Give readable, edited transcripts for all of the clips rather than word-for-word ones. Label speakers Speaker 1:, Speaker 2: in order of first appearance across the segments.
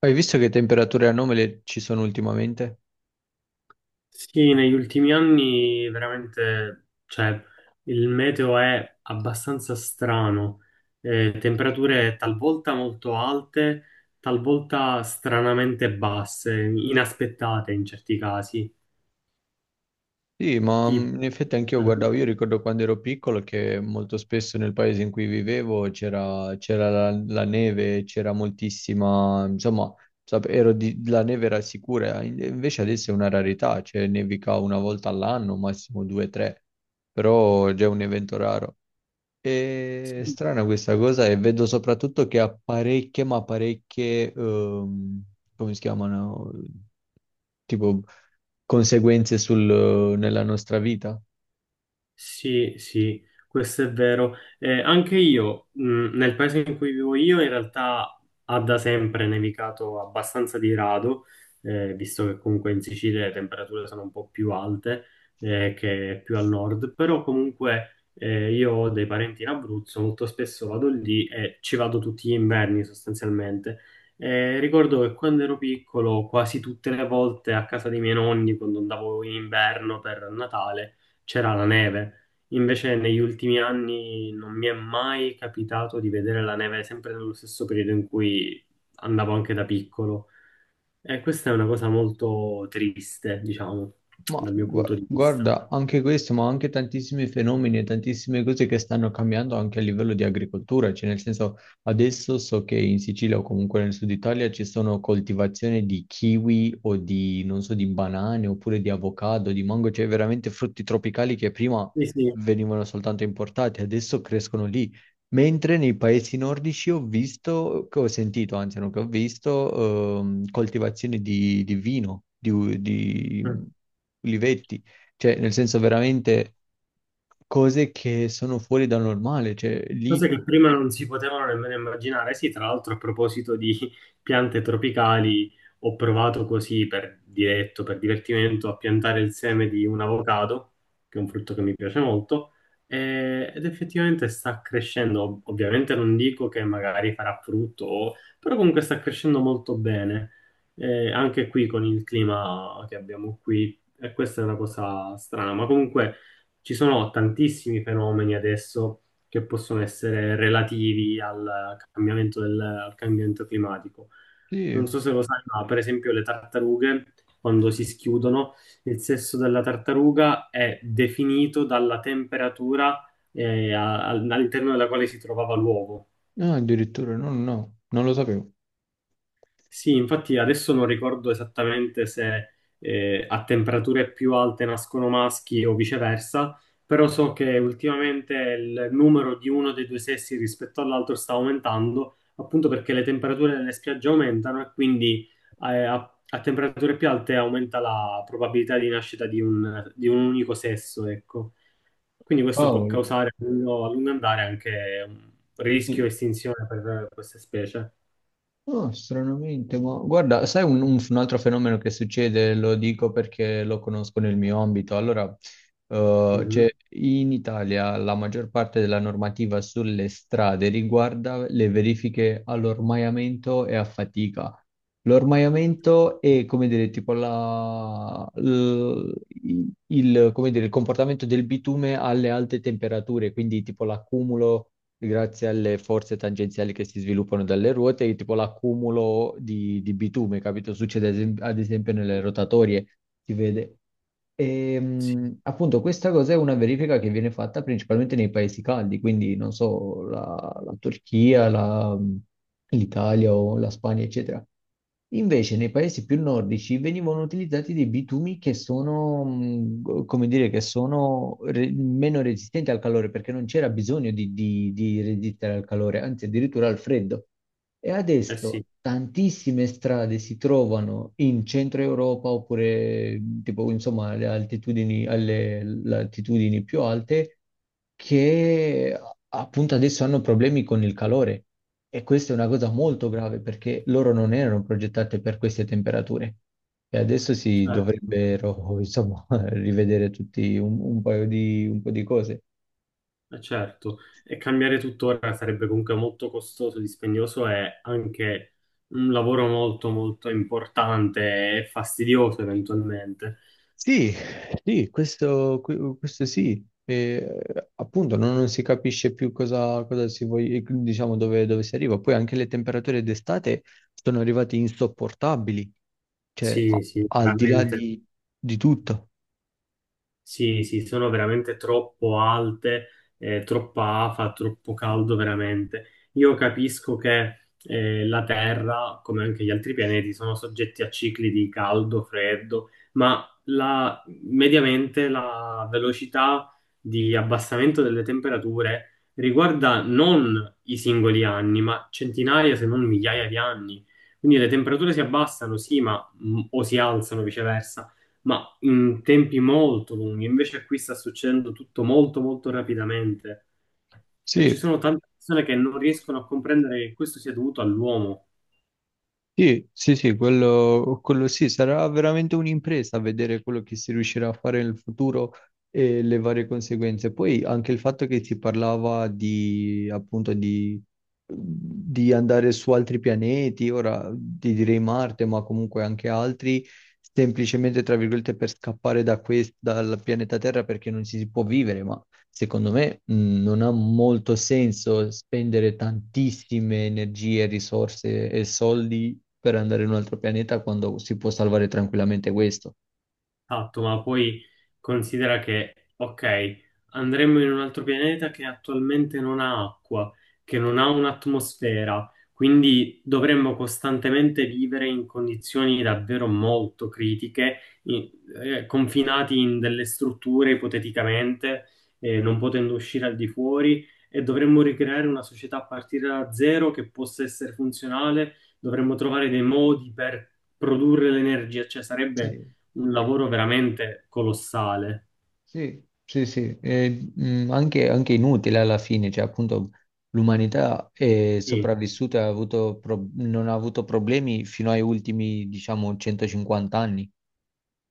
Speaker 1: Hai visto che temperature anomale ci sono ultimamente?
Speaker 2: Sì, negli ultimi anni veramente, cioè, il meteo è abbastanza strano, temperature talvolta molto alte, talvolta stranamente basse, inaspettate in certi casi.
Speaker 1: Sì, ma in
Speaker 2: Tipo.
Speaker 1: effetti anch'io guardavo. Io ricordo quando ero piccolo che molto spesso nel paese in cui vivevo c'era la neve, c'era moltissima, insomma, la neve era sicura, invece adesso è una rarità, cioè nevica una volta all'anno, massimo due o tre, però è già un evento raro. È strana questa cosa, e vedo soprattutto che ha parecchie, ma parecchie, come si chiamano? Tipo conseguenze nella nostra vita.
Speaker 2: Sì, sì, questo è vero. Anche io, nel paese in cui vivo io, in realtà ha da sempre nevicato abbastanza di rado, visto che comunque in Sicilia le temperature sono un po' più alte, che più al nord, però comunque io ho dei parenti in Abruzzo, molto spesso vado lì e ci vado tutti gli inverni sostanzialmente. Ricordo che quando ero piccolo, quasi tutte le volte a casa dei miei nonni, quando andavo in inverno per Natale, c'era la neve. Invece negli ultimi anni non mi è mai capitato di vedere la neve sempre nello stesso periodo in cui andavo anche da piccolo. E questa è una cosa molto triste, diciamo,
Speaker 1: Ma
Speaker 2: dal mio punto di vista.
Speaker 1: guarda, anche questo, ma anche tantissimi fenomeni e tantissime cose che stanno cambiando anche a livello di agricoltura, cioè nel senso adesso so che in Sicilia o comunque nel sud Italia ci sono coltivazioni di kiwi o di, non so, di banane oppure di avocado, di mango, cioè veramente frutti tropicali che prima
Speaker 2: Sì, sì.
Speaker 1: venivano soltanto importati, adesso crescono lì. Mentre nei paesi nordici ho visto, che ho sentito, anzi non che ho visto, coltivazioni di vino, di, di
Speaker 2: Mm.
Speaker 1: ulivetti, cioè nel senso veramente cose che sono fuori dal normale, cioè lì,
Speaker 2: Cose che prima non si potevano nemmeno immaginare. Sì, tra l'altro a proposito di piante tropicali, ho provato così per diretto, per divertimento, a piantare il seme di un avocado, che è un frutto che mi piace molto, ed effettivamente sta crescendo. Ovviamente non dico che magari farà frutto, però comunque sta crescendo molto bene. E anche qui con il clima che abbiamo qui, e questa è una cosa strana, ma comunque ci sono tantissimi fenomeni adesso che possono essere relativi al cambiamento, al cambiamento climatico. Non
Speaker 1: sì,
Speaker 2: so se lo sai, ma per esempio le tartarughe, quando si schiudono, il sesso della tartaruga è definito dalla temperatura all'interno della quale si trovava l'uovo.
Speaker 1: no, addirittura, no, no, no, non lo sapevo.
Speaker 2: Sì, infatti adesso non ricordo esattamente se a temperature più alte nascono maschi o viceversa, però so che ultimamente il numero di uno dei due sessi rispetto all'altro sta aumentando, appunto perché le temperature delle spiagge aumentano e quindi a temperature più alte aumenta la probabilità di nascita di un unico sesso, ecco. Quindi questo può
Speaker 1: Cavolo.
Speaker 2: causare a lungo andare anche un rischio estinzione per queste specie.
Speaker 1: Oh, stranamente, ma guarda, sai un, un altro fenomeno che succede, lo dico perché lo conosco nel mio ambito. Allora, cioè,
Speaker 2: Mhm.
Speaker 1: in Italia la maggior parte della normativa sulle strade riguarda le verifiche all'ormaiamento e a fatica. L'ormaiamento è, come dire, tipo il, come dire, il comportamento del bitume alle alte temperature, quindi tipo l'accumulo grazie alle forze tangenziali che si sviluppano dalle ruote, e tipo l'accumulo di bitume, capito? Succede ad esempio nelle rotatorie, si vede. E, appunto questa cosa è una verifica che viene fatta principalmente nei paesi caldi, quindi non so, la, la Turchia, l'Italia o la Spagna, eccetera. Invece nei paesi più nordici venivano utilizzati dei bitumi che sono, come dire, che sono meno resistenti al calore, perché non c'era bisogno di, di resistere al calore, anzi addirittura al freddo. E
Speaker 2: Eh
Speaker 1: adesso
Speaker 2: sì.
Speaker 1: tantissime strade si trovano in centro Europa oppure tipo, insomma, alle altitudini, alle le altitudini più alte che appunto adesso hanno problemi con il calore. E questa è una cosa molto grave, perché loro non erano progettate per queste temperature. E adesso si
Speaker 2: Certo,
Speaker 1: dovrebbero, insomma, rivedere tutti un paio di, un po' di cose.
Speaker 2: certo. E cambiare tuttora sarebbe comunque molto costoso, dispendioso e anche un lavoro molto molto importante e fastidioso eventualmente.
Speaker 1: Sì, sì, questo, questo sì. E, appunto, non, non si capisce più cosa, cosa si voglia, diciamo, dove, dove si arriva. Poi anche le temperature d'estate sono arrivate insopportabili, cioè
Speaker 2: Sì, sì,
Speaker 1: al di là
Speaker 2: veramente.
Speaker 1: di tutto.
Speaker 2: Sì, sì, sono veramente troppo alte, troppa afa, troppo caldo veramente. Io capisco che la Terra, come anche gli altri pianeti, sono soggetti a cicli di caldo, freddo, ma mediamente la velocità di abbassamento delle temperature riguarda non i singoli anni, ma centinaia se non migliaia di anni. Quindi le temperature si abbassano, sì, ma, o si alzano viceversa. Ma in tempi molto lunghi, invece qui sta succedendo tutto molto molto rapidamente e ci
Speaker 1: Sì.
Speaker 2: sono tante persone che non riescono a comprendere che questo sia dovuto all'uomo.
Speaker 1: Sì, sì, sì, quello sì, sarà veramente un'impresa vedere quello che si riuscirà a fare nel futuro e le varie conseguenze. Poi anche il fatto che si parlava di, appunto, di andare su altri pianeti, ora ti direi Marte, ma comunque anche altri, semplicemente, tra virgolette, per scappare da dal pianeta Terra perché non ci si può vivere, ma secondo me, non ha molto senso spendere tantissime energie, risorse e soldi per andare in un altro pianeta quando si può salvare tranquillamente questo.
Speaker 2: Esatto, ma poi considera che, ok, andremmo in un altro pianeta che attualmente non ha acqua, che non ha un'atmosfera, quindi dovremmo costantemente vivere in condizioni davvero molto critiche, in- confinati in delle strutture ipoteticamente, non potendo uscire al di fuori, e dovremmo ricreare una società a partire da zero che possa essere funzionale, dovremmo trovare dei modi per produrre l'energia, cioè
Speaker 1: Sì.
Speaker 2: sarebbe un lavoro veramente colossale.
Speaker 1: Sì, sì, sì, anche, anche inutile alla fine, cioè appunto l'umanità è
Speaker 2: Sì,
Speaker 1: sopravvissuta, e ha avuto non ha avuto problemi fino ai ultimi, diciamo, 150 anni.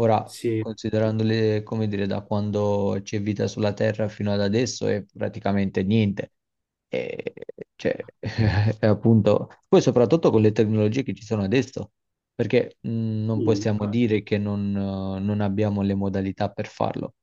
Speaker 1: Ora,
Speaker 2: sì,
Speaker 1: considerandole, come dire, da quando c'è vita sulla Terra fino ad adesso, è praticamente niente. E, cioè, è appunto, poi soprattutto con le tecnologie che ci sono adesso, perché non
Speaker 2: sì.
Speaker 1: possiamo dire che non non abbiamo le modalità per farlo.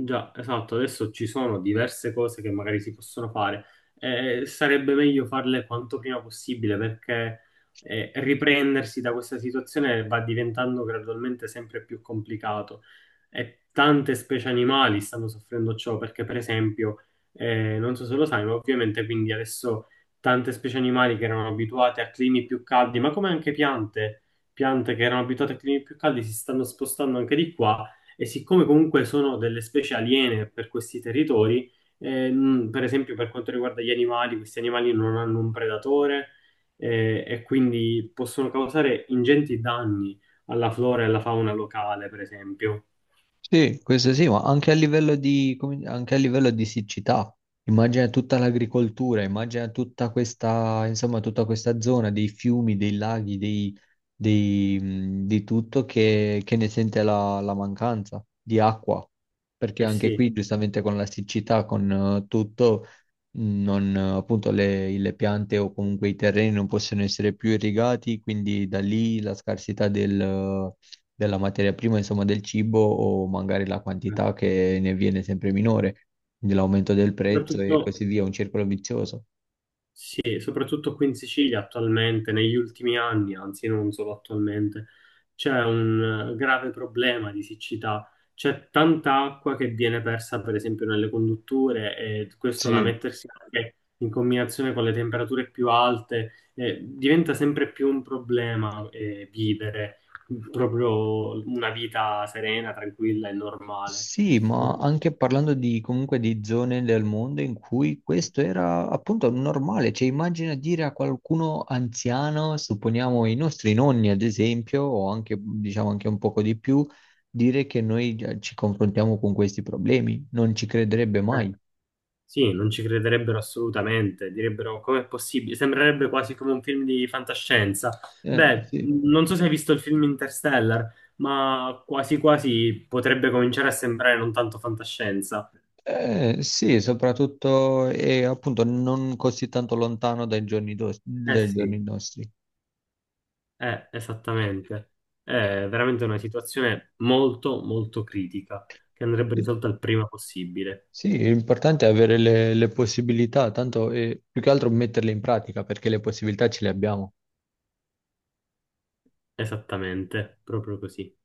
Speaker 2: Già, esatto, adesso ci sono diverse cose che magari si possono fare e sarebbe meglio farle quanto prima possibile perché riprendersi da questa situazione va diventando gradualmente sempre più complicato e tante specie animali stanno soffrendo ciò perché per esempio, non so se lo sai, ma ovviamente quindi adesso tante specie animali che erano abituate a climi più caldi, ma come anche piante, piante che erano abituate a climi più caldi si stanno spostando anche di qua e siccome comunque sono delle specie aliene per questi territori, per esempio per quanto riguarda gli animali, questi animali non hanno un predatore e quindi possono causare ingenti danni alla flora e alla fauna locale, per esempio.
Speaker 1: Sì, questo sì, ma anche a livello di, anche a livello di siccità, immagina tutta l'agricoltura, immagina tutta questa, insomma, tutta questa zona dei fiumi, dei laghi, dei, di tutto che ne sente la, la mancanza di acqua, perché
Speaker 2: Eh
Speaker 1: anche
Speaker 2: sì,
Speaker 1: qui, giustamente, con la siccità, con tutto, non, appunto, le piante o comunque i terreni non possono essere più irrigati, quindi da lì la scarsità della materia prima, insomma del cibo, o magari la quantità che ne viene sempre minore, quindi l'aumento del prezzo e
Speaker 2: soprattutto
Speaker 1: così via, un circolo vizioso.
Speaker 2: Sì, soprattutto qui in Sicilia attualmente, negli ultimi anni, anzi non solo attualmente, c'è un grave problema di siccità. C'è tanta acqua che viene persa, per esempio, nelle condutture e questo da
Speaker 1: Sì.
Speaker 2: mettersi anche in combinazione con le temperature più alte, diventa sempre più un problema, vivere proprio una vita serena, tranquilla e normale.
Speaker 1: Sì,
Speaker 2: Eh,
Speaker 1: ma anche parlando di, comunque di zone del mondo in cui questo era appunto normale, cioè immagina dire a qualcuno anziano, supponiamo i nostri nonni ad esempio, o anche diciamo anche un poco di più, dire che noi già ci confrontiamo con questi problemi, non ci crederebbe
Speaker 2: eh,
Speaker 1: mai.
Speaker 2: Sì, non ci crederebbero assolutamente, direbbero com'è possibile, sembrerebbe quasi come un film di fantascienza. Beh,
Speaker 1: Sì.
Speaker 2: non so se hai visto il film Interstellar, ma quasi quasi potrebbe cominciare a sembrare non tanto fantascienza.
Speaker 1: Sì, soprattutto e appunto non così tanto lontano dai giorni,
Speaker 2: Eh
Speaker 1: dai
Speaker 2: sì,
Speaker 1: giorni nostri.
Speaker 2: esattamente. È veramente una situazione molto, molto critica, che andrebbe risolta il prima possibile.
Speaker 1: Sì, l'importante è avere le possibilità, tanto più che altro metterle in pratica, perché le possibilità ce le abbiamo.
Speaker 2: Esattamente, proprio così.